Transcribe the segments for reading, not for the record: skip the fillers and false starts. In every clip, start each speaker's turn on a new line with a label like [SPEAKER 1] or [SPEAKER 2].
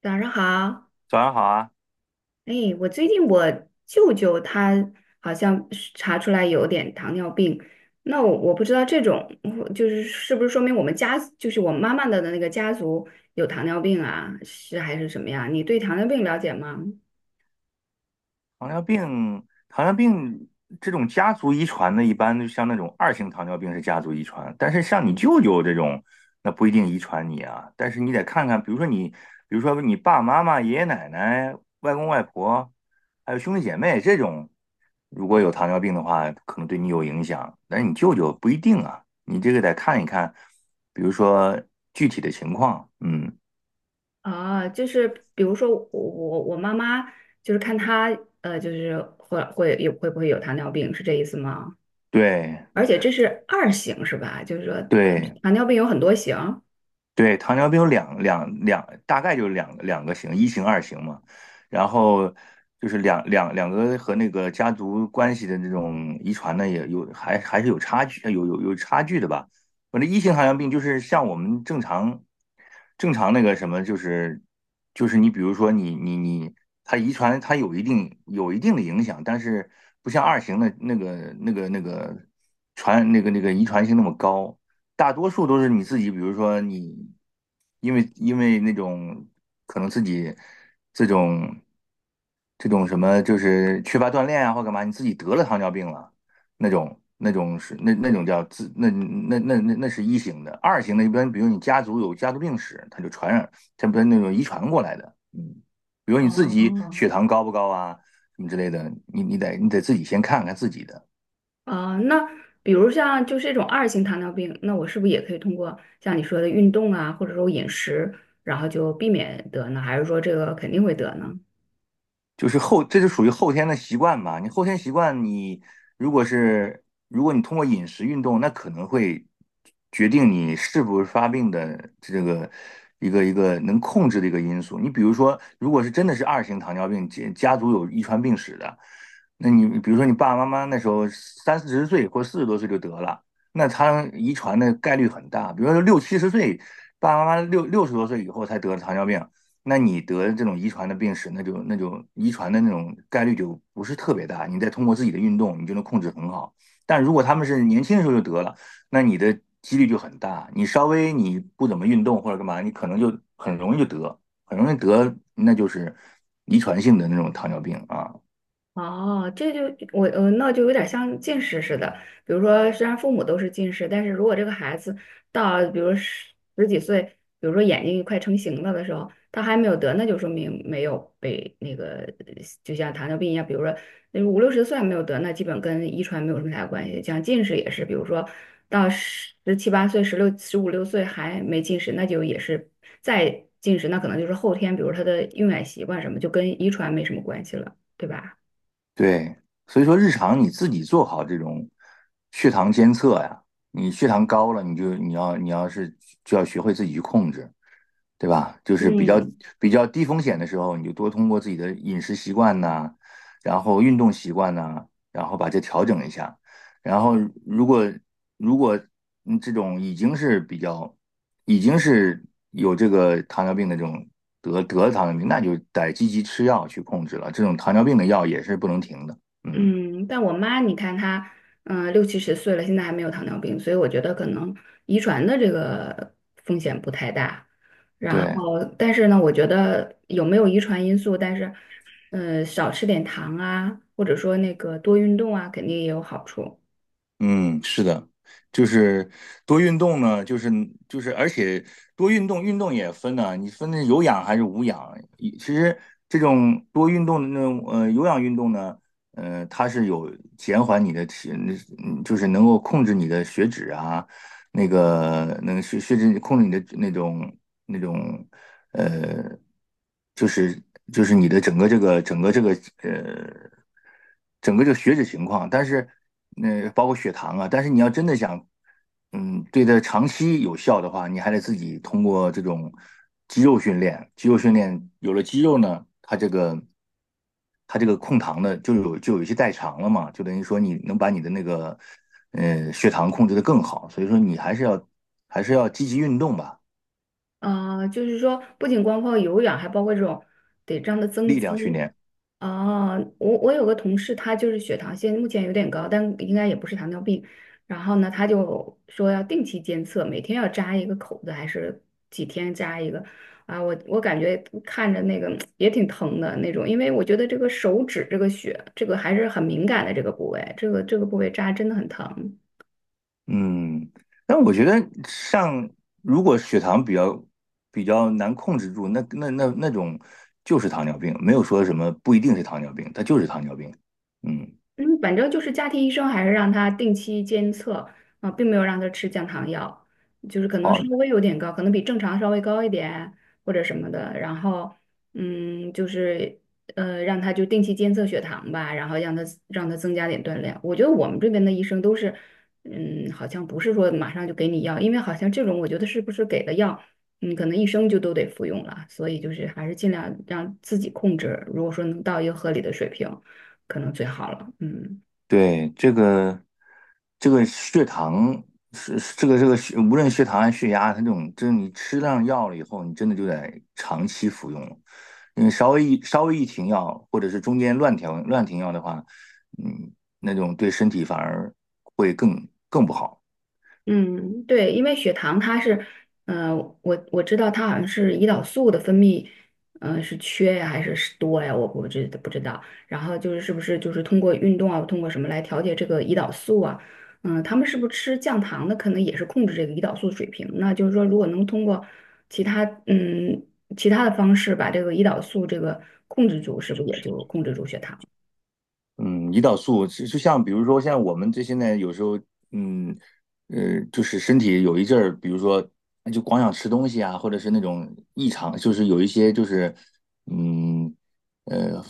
[SPEAKER 1] 早上好。
[SPEAKER 2] 早上好啊，
[SPEAKER 1] 哎，我最近我舅舅他好像是查出来有点糖尿病。那我不知道这种，我就是是不是说明我们家就是我妈妈的那个家族有糖尿病啊，是还是什么呀？你对糖尿病了解吗？
[SPEAKER 2] 糖尿病这种家族遗传的，一般就像那种二型糖尿病是家族遗传，但是像你舅舅这种，那不一定遗传你啊。但是你得看看，比如说你爸爸妈妈、爷爷奶奶、外公外婆，还有兄弟姐妹这种，如果有糖尿病的话，可能对你有影响，但是你舅舅不一定啊。你这个得看一看，比如说具体的情况，嗯，
[SPEAKER 1] 啊，就是比如说我妈妈就是看她，就是会不会有糖尿病，是这意思吗？
[SPEAKER 2] 对。
[SPEAKER 1] 而且这是二型是吧？就是说
[SPEAKER 2] 对，
[SPEAKER 1] 糖尿病有很多型。
[SPEAKER 2] 对，糖尿病有两，大概就是两个型，一型、二型嘛。然后就是两个和那个家族关系的这种遗传呢，也有还是有差距，有差距的吧。反正一型糖尿病就是像我们正常那个什么，就是你比如说你，它遗传它有一定的影响，但是不像二型的那个那个那个传那个那个遗传性那么高。大多数都是你自己，比如说你，因为那种可能自己这种这种什么，就是缺乏锻炼啊，或干嘛，你自己得了糖尿病了，那种是那那种叫自那那那那那是一型的，二型的一般，比如你家族有家族病史，它就传染，它不是那种遗传过来的，比如你自己血
[SPEAKER 1] 哦。
[SPEAKER 2] 糖高不高啊，什么之类的，你得自己先看看自己的。
[SPEAKER 1] 啊，那比如像就是这种二型糖尿病，那我是不是也可以通过像你说的运动啊，或者说饮食，然后就避免得呢？还是说这个肯定会得呢？
[SPEAKER 2] 就是后，这就属于后天的习惯吧。你后天习惯，你如果通过饮食运动，那可能会决定你是不是发病的这个一个能控制的一个因素。你比如说，如果是真的是二型糖尿病，家族有遗传病史的，那你比如说你爸爸妈妈那时候三四十岁或四十多岁就得了，那他遗传的概率很大。比如说六七十岁，爸爸妈妈六十多岁以后才得了糖尿病，那你得这种遗传的病史，那就遗传的那种概率就不是特别大。你再通过自己的运动，你就能控制很好。但如果他们是年轻的时候就得了，那你的几率就很大。你稍微你不怎么运动或者干嘛，你可能就很容易就得，很容易得，那就是遗传性的那种糖尿病啊。
[SPEAKER 1] 哦，这就我呃，那就有点像近视似的。比如说，虽然父母都是近视，但是如果这个孩子到比如十几岁，比如说眼睛快成型了的时候，他还没有得，那就说明没有被那个，就像糖尿病一样，比如说那五六十岁还没有得，那基本跟遗传没有什么太大关系。像近视也是，比如说到十七八岁、十六十五六岁还没近视，那就也是再近视，那可能就是后天，比如他的用眼习惯什么，就跟遗传没什么关系了，对吧？
[SPEAKER 2] 对，所以说日常你自己做好这种血糖监测呀，你血糖高了，你要是就要学会自己去控制，对吧？就是比较
[SPEAKER 1] 嗯
[SPEAKER 2] 比较低风险的时候，你就多通过自己的饮食习惯呐，然后运动习惯呐，然后把这调整一下。然后如果如果这种已经是有这个糖尿病的这种得了糖尿病，那就得积极吃药去控制了。这种糖尿病的药也是不能停的。嗯，
[SPEAKER 1] 嗯，但我妈，你看她，六七十岁了，现在还没有糖尿病，所以我觉得可能遗传的这个风险不太大。然
[SPEAKER 2] 对。
[SPEAKER 1] 后，但是呢，我觉得有没有遗传因素，但是，少吃点糖啊，或者说那个多运动啊，肯定也有好处。
[SPEAKER 2] 嗯，是的，就是多运动呢，就是，而且多运动，运动也分呢、你分的有氧还是无氧。其实这种多运动的那种有氧运动呢，它是有减缓你的体，嗯就是能够控制你的血脂啊，那个能血脂控制你的那种。呃，就是就是你的呃，整个这个血脂情况，但是那包括血糖啊，但是你要真的想，对它长期有效的话，你还得自己通过这种肌肉训练，肌肉训练有了肌肉呢，它这个控糖的就有一些代偿了嘛，就等于说你能把你的那个血糖控制得更好，所以说你还是要积极运动吧，
[SPEAKER 1] 啊，就是说不仅光靠有氧，还包括这种得这样的增
[SPEAKER 2] 力量训
[SPEAKER 1] 肌。
[SPEAKER 2] 练。
[SPEAKER 1] 啊，我有个同事，他就是血糖现在目前有点高，但应该也不是糖尿病。然后呢，他就说要定期监测，每天要扎一个口子，还是几天扎一个。啊，我感觉看着那个也挺疼的那种，因为我觉得这个手指这个血，这个还是很敏感的这个部位，这个部位扎真的很疼。
[SPEAKER 2] 嗯，但我觉得上如果血糖比较难控制住，那种就是糖尿病，没有说什么不一定是糖尿病，它就是糖尿病。嗯，
[SPEAKER 1] 嗯，反正就是家庭医生还是让他定期监测啊，并没有让他吃降糖药，就是可能稍微有点高，可能比正常稍微高一点或者什么的。然后，就是让他就定期监测血糖吧，然后让他增加点锻炼。我觉得我们这边的医生都是，好像不是说马上就给你药，因为好像这种我觉得是不是给的药，可能一生就都得服用了，所以就是还是尽量让自己控制，如果说能到一个合理的水平，可能最好了。嗯
[SPEAKER 2] 对，这个血糖是是这个这个血，无论血糖还是血压，它这种，就是你吃上药了以后，你真的就得长期服用了。你稍微一停药，或者是中间乱调乱停药的话，嗯，那种对身体反而会更不好。
[SPEAKER 1] 嗯，对，因为血糖它是，呃，我知道它好像是胰岛素的分泌，是缺呀还是是多呀？我知不知道。然后就是是不是就是通过运动啊，通过什么来调节这个胰岛素啊？他们是不是吃降糖的，可能也是控制这个胰岛素水平？那就是说，如果能通过其他嗯其他的方式把这个胰岛素这个控制住，是不是也就控制住血糖了？
[SPEAKER 2] 嗯，胰岛素就像比如说，像我们这现在有时候，嗯，就是身体有一阵儿，比如说就光想吃东西啊，或者是那种异常，就是有一些嗯，呃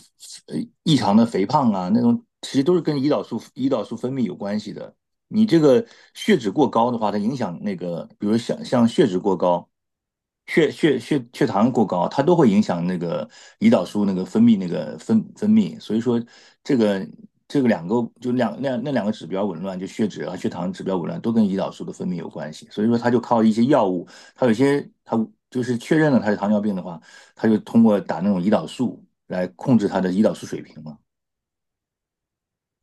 [SPEAKER 2] 呃异常的肥胖啊，那种其实都是跟胰岛素分泌有关系的。你这个血脂过高的话，它影响那个，比如像血脂过高、血糖过高，它都会影响那个胰岛素那个分泌。所以说，这个这个两个指标紊乱，就血脂和血糖指标紊乱，都跟胰岛素的分泌有关系。所以说，它就靠一些药物，它有些它就是确认了它是糖尿病的话，它就通过打那种胰岛素来控制它的胰岛素水平嘛。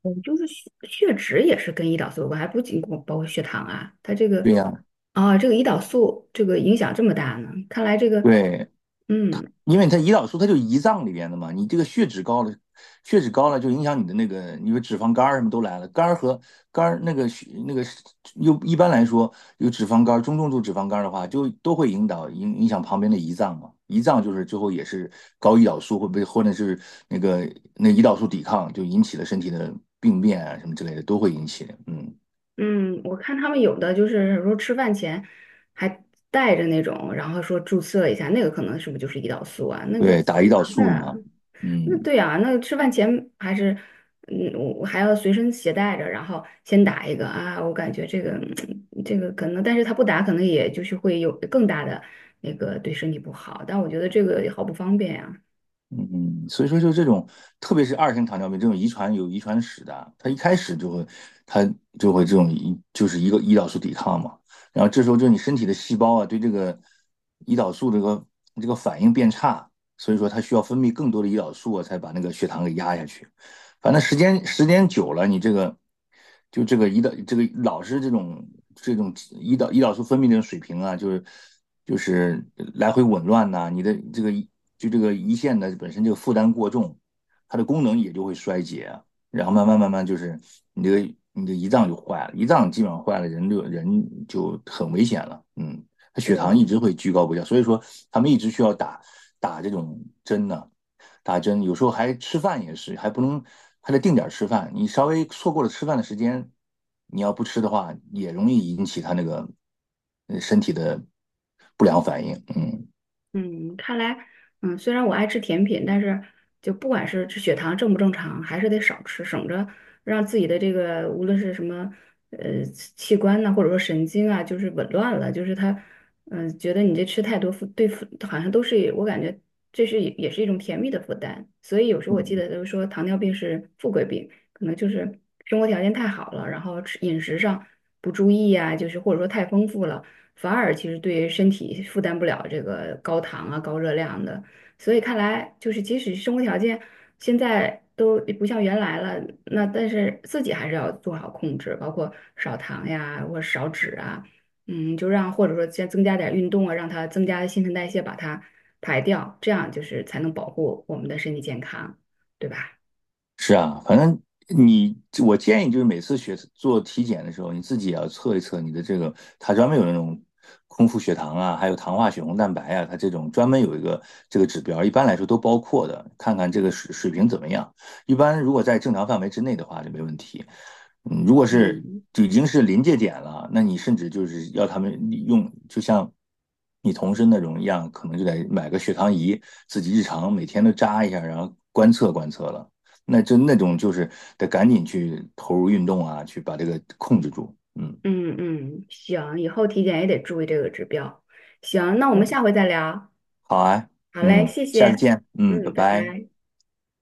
[SPEAKER 1] 嗯，就是血脂也是跟胰岛素有关，还不仅光包括血糖啊，它这
[SPEAKER 2] 对
[SPEAKER 1] 个。
[SPEAKER 2] 呀，
[SPEAKER 1] 啊，这个胰岛素这个影响这么大呢？看来这个，
[SPEAKER 2] 对，
[SPEAKER 1] 嗯
[SPEAKER 2] 因为胰岛素就胰脏里边的嘛，你这个血脂高了，血脂高了就影响你的那个，你说脂肪肝儿什么都来了，肝儿和肝儿那个血那个又一般来说有脂肪肝儿，中重度脂肪肝儿的话，就都会引导影影响旁边的胰脏嘛，胰脏就是最后也是高胰岛素会被或者是那个那胰岛素抵抗就引起了身体的病变啊什么之类的都会引起，嗯，
[SPEAKER 1] 嗯，我看他们有的就是说吃饭前还带着那种，然后说注射一下，那个可能是不是就是胰岛素啊？那个
[SPEAKER 2] 对，打
[SPEAKER 1] 好
[SPEAKER 2] 胰
[SPEAKER 1] 麻
[SPEAKER 2] 岛
[SPEAKER 1] 烦
[SPEAKER 2] 素
[SPEAKER 1] 啊。
[SPEAKER 2] 呢，
[SPEAKER 1] 那
[SPEAKER 2] 嗯。
[SPEAKER 1] 对呀、那吃饭前还是，我还要随身携带着，然后先打一个啊，我感觉这个可能，但是他不打，可能也就是会有更大的那个对身体不好，但我觉得这个也好不方便呀、
[SPEAKER 2] 嗯，所以说就这种，特别是二型糖尿病这种有遗传史的啊，他就会这种就是一个胰岛素抵抗嘛，然后这时候就你身体的细胞啊对这个胰岛素这个反应变差，所以说它需要分泌更多的胰岛素啊，才把那个血糖给压下去。反正时间久了，你这个就这个胰岛这个老是这种胰岛素分泌这种水平啊，就是来回紊乱呐、啊你的这个就这个胰腺的本身这个负担过重，它的功能也就会衰竭啊然后慢慢慢慢就是你这个你的胰脏就坏了，胰脏基本上坏了，人就很危险了，嗯。他血
[SPEAKER 1] 对
[SPEAKER 2] 糖
[SPEAKER 1] 啊，
[SPEAKER 2] 一直会居高不下，所以说他们一直需要打打这种针呢、啊打针，有时候还吃饭也是，还不能还得定点吃饭，你稍微错过了吃饭的时间，你要不吃的话，也容易引起他那个身体的不良反应，嗯
[SPEAKER 1] 嗯，看来，虽然我爱吃甜品，但是就不管是这血糖正不正常，还是得少吃，省着让自己的这个无论是什么器官呐、或者说神经啊，就是紊乱了，就是它，觉得你这吃太多负对负，好像都是。我感觉这是也是一种甜蜜的负担，所以有时候我记得
[SPEAKER 2] 嗯
[SPEAKER 1] 都说糖尿病是富贵病，可能就是生活条件太好了，然后吃饮食上不注意呀、就是或者说太丰富了。反而其实对于身体负担不了这个高糖啊、高热量的。所以看来，就是即使生活条件现在都不像原来了，那但是自己还是要做好控制，包括少糖呀，或者少脂啊，就让或者说再增加点运动啊，让它增加新陈代谢，把它排掉，这样就是才能保护我们的身体健康，对吧？
[SPEAKER 2] 是啊，反正你，我建议就是每次学做体检的时候，你自己也要测一测你的这个，它专门有那种空腹血糖啊，还有糖化血红蛋白啊，它这种专门有一个这个指标，一般来说都包括的，看看这个水平怎么样。一般如果在正常范围之内的话就没问题。嗯，如果是
[SPEAKER 1] 嗯
[SPEAKER 2] 就已经是临界点了，那你甚至就是要他们用，就像你同事那种一样，可能就得买个血糖仪，自己日常每天都扎一下，然后观测观测了。那就那种就是得赶紧去投入运动啊，去把这个控制住。嗯，
[SPEAKER 1] 嗯嗯，行，以后体检也得注意这个指标。行，那我
[SPEAKER 2] 对
[SPEAKER 1] 们
[SPEAKER 2] 吧？
[SPEAKER 1] 下回再聊。
[SPEAKER 2] 好啊，
[SPEAKER 1] 好嘞，
[SPEAKER 2] 嗯，
[SPEAKER 1] 谢
[SPEAKER 2] 下
[SPEAKER 1] 谢，
[SPEAKER 2] 次见，嗯，拜
[SPEAKER 1] 嗯，拜
[SPEAKER 2] 拜。
[SPEAKER 1] 拜。